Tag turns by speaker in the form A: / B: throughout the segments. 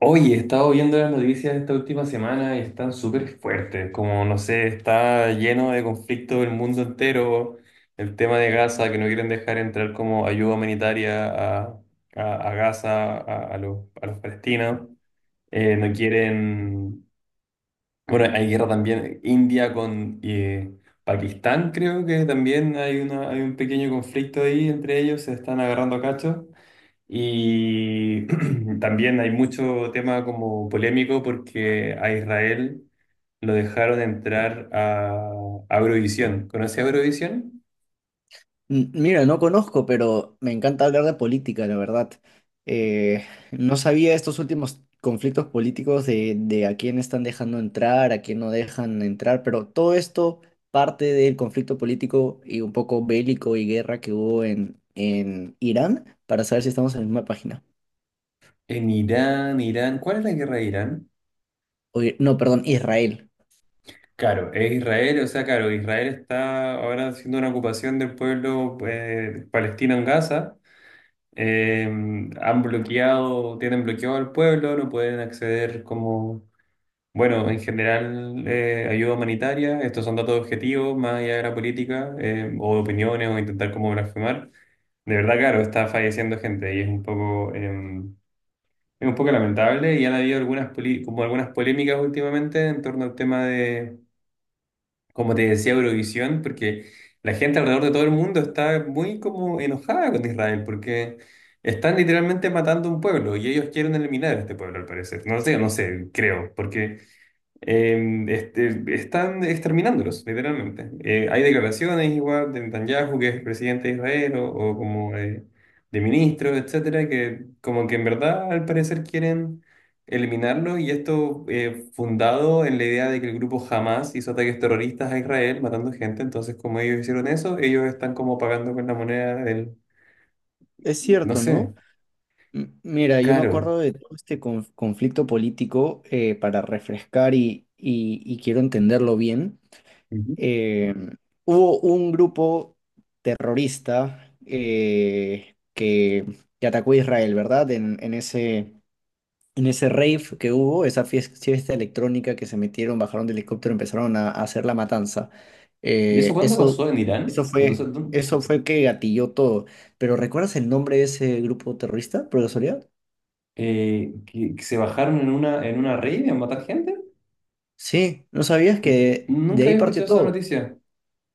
A: Oye, he estado viendo las noticias esta última semana y están súper fuertes, como no sé, está lleno de conflicto el mundo entero, el tema de Gaza, que no quieren dejar entrar como ayuda humanitaria a, a Gaza, a los palestinos. No quieren, bueno, hay guerra también, India con Pakistán, creo que también hay un pequeño conflicto ahí entre ellos, se están agarrando a cachos. Y también hay mucho tema como polémico porque a Israel lo dejaron entrar a Eurovisión. ¿Conoce Eurovisión?
B: Mira, no conozco, pero me encanta hablar de política, la verdad. Eh, no sabía estos últimos conflictos políticos de a quién están dejando entrar, a quién no dejan entrar, pero todo esto parte del conflicto político y un poco bélico y guerra que hubo en Irán, para saber si estamos en la misma página.
A: En Irán, Irán. ¿Cuál es la guerra de Irán?
B: Oye, no, perdón, Israel.
A: Claro, es Israel, o sea, claro, Israel está ahora haciendo una ocupación del pueblo palestino en Gaza. Eh, Han bloqueado, tienen bloqueado al pueblo, no pueden acceder como bueno, en general, ayuda humanitaria, estos son datos objetivos, más allá de la política, o de opiniones, o intentar como blasfemar. De verdad, claro, está falleciendo gente y es un poco, es un poco lamentable y han habido algunas, como algunas polémicas últimamente en torno al tema de, como te decía, Eurovisión, porque la gente alrededor de todo el mundo está muy como enojada con Israel, porque están literalmente matando un pueblo y ellos quieren eliminar a este pueblo, al parecer. No sé, creo, porque... están exterminándolos, literalmente. Hay declaraciones igual de Netanyahu, que es presidente de Israel, o como de ministros, etcétera, que como que en verdad al parecer quieren eliminarlos, y esto fundado en la idea de que el grupo Hamas hizo ataques terroristas a Israel matando gente, entonces como ellos hicieron eso, ellos están como pagando con la moneda del,
B: Es
A: no
B: cierto,
A: sé,
B: ¿no? Mira, yo me
A: caro.
B: acuerdo de todo este conflicto político para refrescar y, y quiero entenderlo bien.
A: Ujú.
B: eh, Hubo un grupo terrorista que atacó a Israel, ¿verdad? En ese rave que hubo, esa fiesta, electrónica que se metieron, bajaron del helicóptero, empezaron a hacer la matanza.
A: ¿Y eso
B: Eh,
A: cuándo
B: eso,
A: pasó en Irán?
B: Eso
A: Entonces,
B: fue,
A: ¿dó-
B: eso fue que gatilló todo. Pero ¿recuerdas el nombre de ese grupo terrorista, por casualidad?
A: Que se bajaron en en una raid a matar gente.
B: Sí, ¿no sabías que de
A: Nunca
B: ahí
A: había
B: partió
A: escuchado esa
B: todo?
A: noticia.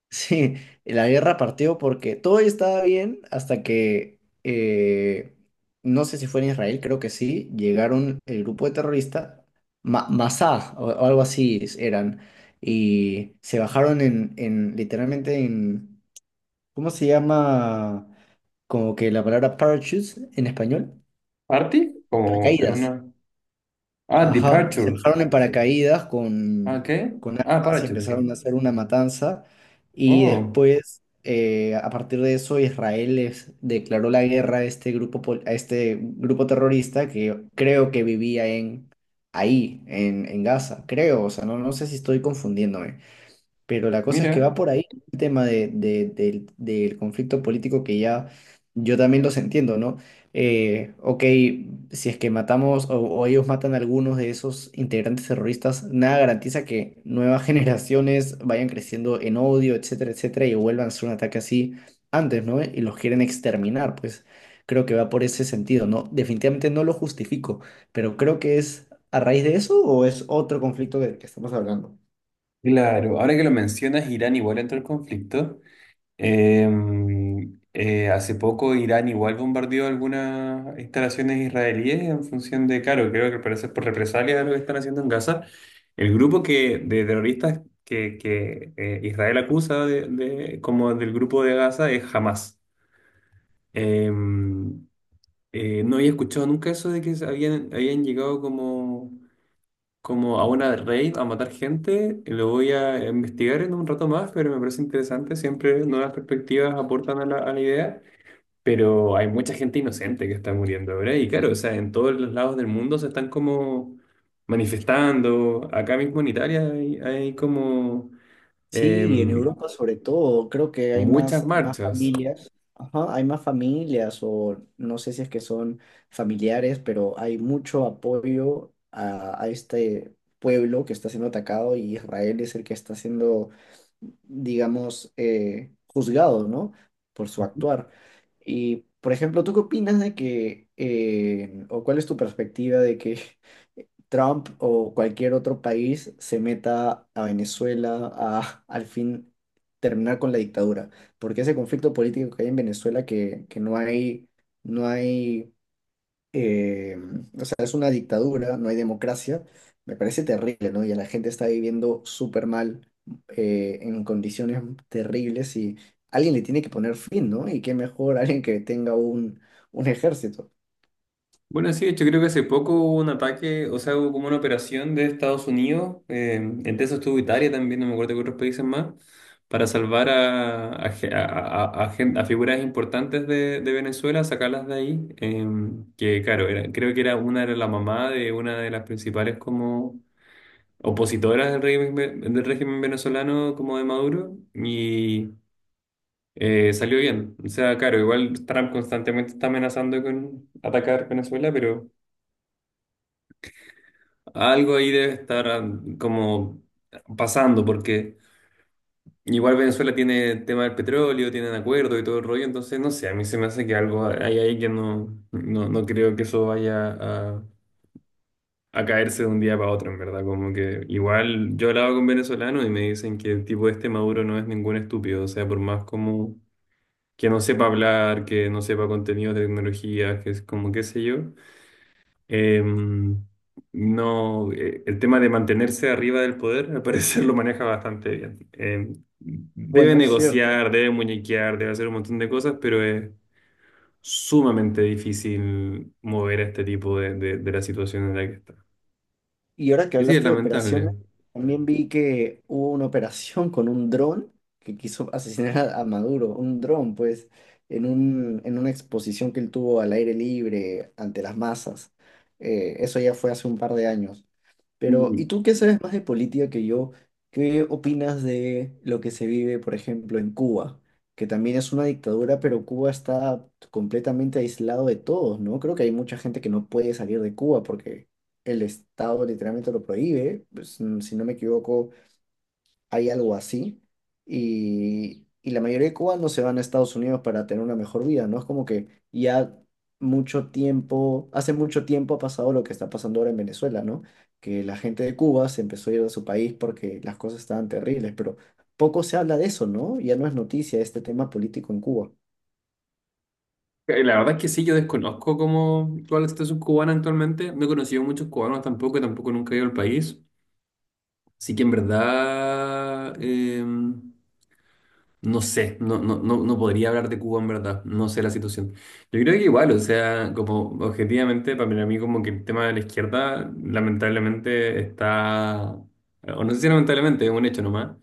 B: Sí, la guerra partió porque todo estaba bien hasta que, no sé si fue en Israel, creo que sí, llegaron el grupo de terroristas, Ma Masá o algo así eran, y se bajaron en, literalmente en, ¿cómo se llama? Como que la palabra parachutes en español,
A: ¿Party? Como en
B: paracaídas.
A: una. Ah,
B: Ajá, se
A: Departure.
B: bajaron en paracaídas
A: Ah, ¿qué?
B: con
A: Ah,
B: armas y
A: Parachute, ¿qué?
B: empezaron a hacer una matanza. Y
A: Oh,
B: después, a partir de eso, Israel les declaró la guerra a este grupo, a este grupo terrorista que creo que vivía en, ahí, en Gaza. Creo, o sea, no, no sé si estoy confundiéndome. Pero la cosa es que va
A: mira.
B: por ahí el tema del, del conflicto político que ya yo también los entiendo, ¿no? Ok, si es que matamos o ellos matan a algunos de esos integrantes terroristas, nada garantiza que nuevas generaciones vayan creciendo en odio, etcétera, etcétera, y vuelvan a hacer un ataque así antes, ¿no? Y los quieren exterminar, pues creo que va por ese sentido, ¿no? Definitivamente no lo justifico, pero creo que es a raíz de eso o es otro conflicto del que estamos hablando.
A: Claro, ahora que lo mencionas, Irán igual entró al conflicto. Hace poco Irán igual bombardeó algunas instalaciones israelíes en función de, claro, creo que parece por represalia de lo que están haciendo en Gaza. El de terroristas que Israel acusa de, como del grupo de Gaza, es Hamas. Em, no había escuchado nunca eso de que habían llegado como a una raid, a matar gente. Y Lo voy a investigar en un rato más, pero me parece interesante. Siempre nuevas perspectivas aportan a la idea. Pero hay mucha gente inocente que está muriendo ahora. Y claro, o sea, en todos los lados del mundo se están como manifestando. Acá mismo en Italia hay como
B: Sí, y en
A: em,
B: Europa sobre todo, creo que hay
A: muchas
B: más, más
A: marchas.
B: familias, ajá, hay más familias o no sé si es que son familiares, pero hay mucho apoyo a este pueblo que está siendo atacado y Israel es el que está siendo, digamos, juzgado, ¿no? Por su actuar. Y, por ejemplo, ¿tú qué opinas de que, o cuál es tu perspectiva de que Trump o cualquier otro país se meta a Venezuela a al fin terminar con la dictadura, porque ese conflicto político que hay en Venezuela que no hay, no hay, eh, o sea, es una dictadura, no hay democracia, me parece terrible, ¿no? Y la gente está viviendo súper mal, en condiciones terribles y alguien le tiene que poner fin, ¿no? Y qué mejor alguien que tenga un ejército.
A: Bueno, sí, de hecho creo que hace poco hubo un ataque, o sea, hubo como una operación de Estados Unidos, entre eso estuvo Italia también, no me acuerdo qué otros países más, para salvar a, ge- a gen- a figuras importantes de Venezuela, sacarlas de ahí, que claro, creo que era la mamá de una de las principales como opositoras del régimen, del régimen venezolano como de Maduro, y salió bien. O sea, claro, igual Trump constantemente está amenazando con atacar Venezuela, pero... Algo ahí debe estar ah, como pasando, porque igual Venezuela tiene el tema del petróleo, tienen acuerdo y todo el rollo, entonces no sé, a mí se me hace que algo hay ahí que no creo que eso vaya a caerse de un día para otro, en verdad, como que igual yo hablaba con venezolanos y me dicen que el tipo este Maduro no es ningún estúpido, o sea, por más como que no sepa hablar, que no sepa contenido de tecnología, que es como qué sé yo. Em, no, el tema de mantenerse arriba del poder, al parecer lo maneja bastante bien. Em, debe
B: Bueno, es cierto.
A: negociar, debe muñequear, debe hacer un montón de cosas, pero es sumamente difícil mover a este tipo de la situación en la que está.
B: Y ahora que
A: Y sí, es
B: hablaste de operaciones,
A: lamentable.
B: también vi que hubo una operación con un dron que quiso asesinar a Maduro, un dron, pues, en un, en una exposición que él tuvo al aire libre ante las masas. Eso ya fue hace un par de años. Pero, ¿y
A: Y
B: tú qué sabes más de política que yo? ¿Qué opinas de lo que se vive, por ejemplo, en Cuba? Que también es una dictadura, pero Cuba está completamente aislado de todos, ¿no? Creo que hay mucha gente que no puede salir de Cuba porque el Estado literalmente lo prohíbe. Pues, si no me equivoco, hay algo así. Y la mayoría de cubanos se van a Estados Unidos para tener una mejor vida, ¿no? Es como que ya mucho tiempo, hace mucho tiempo ha pasado lo que está pasando ahora en Venezuela, ¿no? Que la gente de Cuba se empezó a ir de su país porque las cosas estaban terribles, pero poco se habla de eso, ¿no? Ya no es noticia este tema político en Cuba.
A: la verdad es que sí, yo desconozco cómo cuál es la situación cubana actualmente. No he conocido muchos cubanos tampoco, tampoco nunca he ido al país. Así que en verdad... em, no sé, no podría hablar de Cuba en verdad, no sé la situación. Yo creo que igual, o sea, como objetivamente, para mí como que el tema de la izquierda lamentablemente está, o no sé si lamentablemente, es un hecho nomás,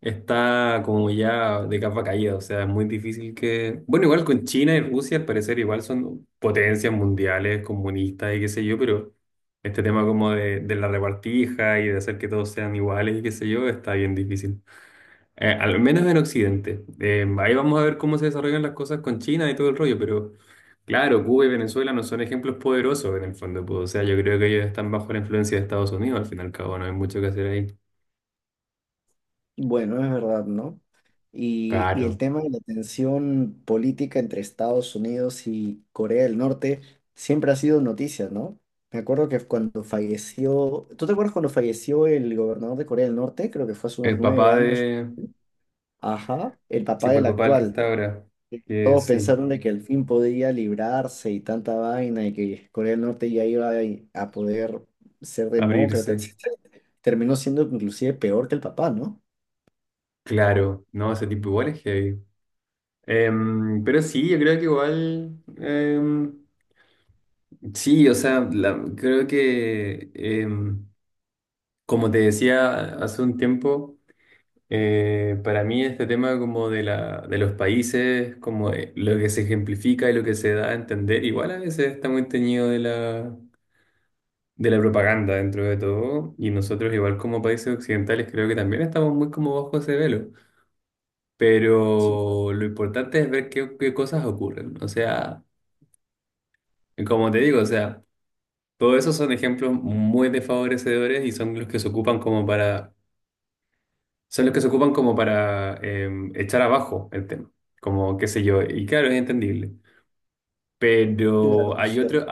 A: está como ya de capa caída, o sea, es muy difícil que... Bueno, igual con China y Rusia al parecer igual son potencias mundiales, comunistas y qué sé yo, pero este tema como de la repartija y de hacer que todos sean iguales y qué sé yo, está bien difícil. Al menos en Occidente. Ahí vamos a ver cómo se desarrollan las cosas con China y todo el rollo, pero claro, Cuba y Venezuela no son ejemplos poderosos en el fondo, pues, o sea, yo creo que ellos están bajo la influencia de Estados Unidos, al fin y al cabo, no hay mucho que hacer ahí.
B: Bueno, es verdad, ¿no? Y el
A: Claro.
B: tema de la tensión política entre Estados Unidos y Corea del Norte siempre ha sido noticia, ¿no? Me acuerdo que cuando falleció, ¿tú te acuerdas cuando falleció el gobernador de Corea del Norte? Creo que fue hace unos
A: El
B: nueve
A: papá
B: años.
A: de...
B: Ajá, el
A: Sí,
B: papá
A: pues
B: del
A: el papá del que está
B: actual.
A: ahora, que
B: Todos
A: sí,
B: pensaron de que al fin podía librarse y tanta vaina y que Corea del Norte ya iba a poder ser demócrata,
A: abrirse.
B: etc. Terminó siendo inclusive peor que el papá, ¿no?
A: Claro, no, ese tipo igual es heavy. Em, pero sí, yo creo que igual... em, sí, o sea, creo que... em, como te decía hace un tiempo... para mí este tema como de de los países, como de lo que se ejemplifica y lo que se da a entender, igual a veces está muy teñido de de la propaganda dentro de todo, y nosotros igual como países occidentales creo que también estamos muy como bajo ese velo,
B: Sí,
A: pero lo importante es ver qué cosas ocurren, o sea, como te digo, o sea, todos esos son ejemplos muy desfavorecedores y son los que se ocupan como para son los que se ocupan como para em, echar abajo el tema, como qué sé yo, y claro, es entendible.
B: claro,
A: Pero
B: es
A: hay otros,
B: cierto.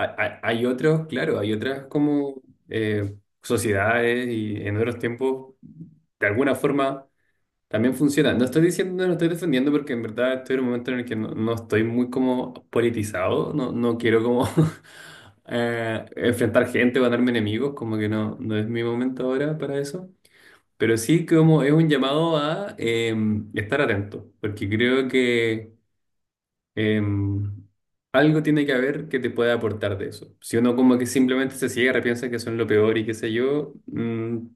A: hay otros, claro, hay otras como eh, sociedades y en otros tiempos, de alguna forma, también funcionan. No estoy diciendo, no estoy defendiendo porque en verdad estoy en un momento en el que no, no estoy muy como politizado, no, no quiero como enfrentar gente o ganarme enemigos, como que no, no es mi momento ahora para eso. Pero sí como es un llamado a estar atento, porque creo que eh, algo tiene que haber que te pueda aportar de eso. Si uno como que simplemente se cierra, piensa que son lo peor y qué sé yo, mm,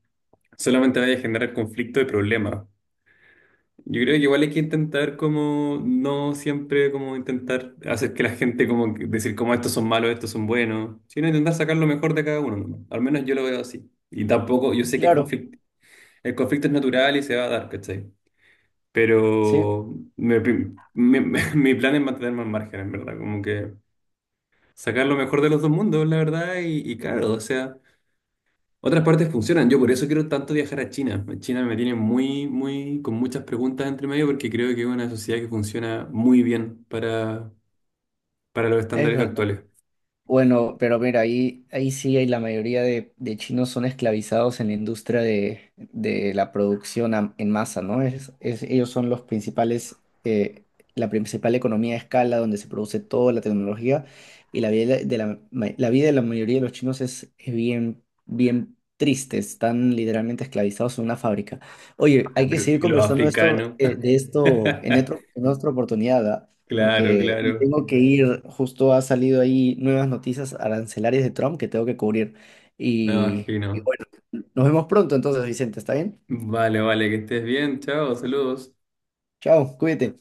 A: solamente vaya a generar conflicto y problemas. Yo creo que igual hay que intentar como, no siempre como intentar hacer que la gente como que decir como estos son malos, estos son buenos, sino intentar sacar lo mejor de cada uno, ¿no? Al menos yo lo veo así. Y tampoco, yo sé que es
B: Claro,
A: el conflicto es natural y se va a dar, ¿cachai?
B: sí,
A: Pero mi plan es mantenerme al margen, en verdad, como que sacar lo mejor de los dos mundos, la verdad, y claro, o sea, otras partes funcionan. Yo por eso quiero tanto viajar a China. China me tiene muy, con muchas preguntas entre medio porque creo que es una sociedad que funciona muy bien para los
B: es
A: estándares
B: verdad.
A: actuales.
B: Bueno, pero mira, ahí, ahí sí hay la mayoría de chinos son esclavizados en la industria de la producción en masa, ¿no? Es, ellos son los principales, eh, la principal economía de escala donde se produce toda la tecnología y la vida de la, la vida de la mayoría de los chinos es bien, bien triste, están literalmente esclavizados en una fábrica. Oye, hay que
A: Pero,
B: seguir
A: ¿y los
B: conversando
A: africanos?
B: de esto en otro, en otra oportunidad, ¿ah?
A: Claro,
B: Porque me
A: claro,
B: tengo que ir, justo ha salido ahí nuevas noticias arancelarias de Trump que tengo que cubrir.
A: me
B: Y
A: imagino.
B: bueno, nos vemos pronto entonces, Vicente, ¿está bien?
A: Vale, vale, que estés bien, chao, saludos.
B: Chao, cuídate.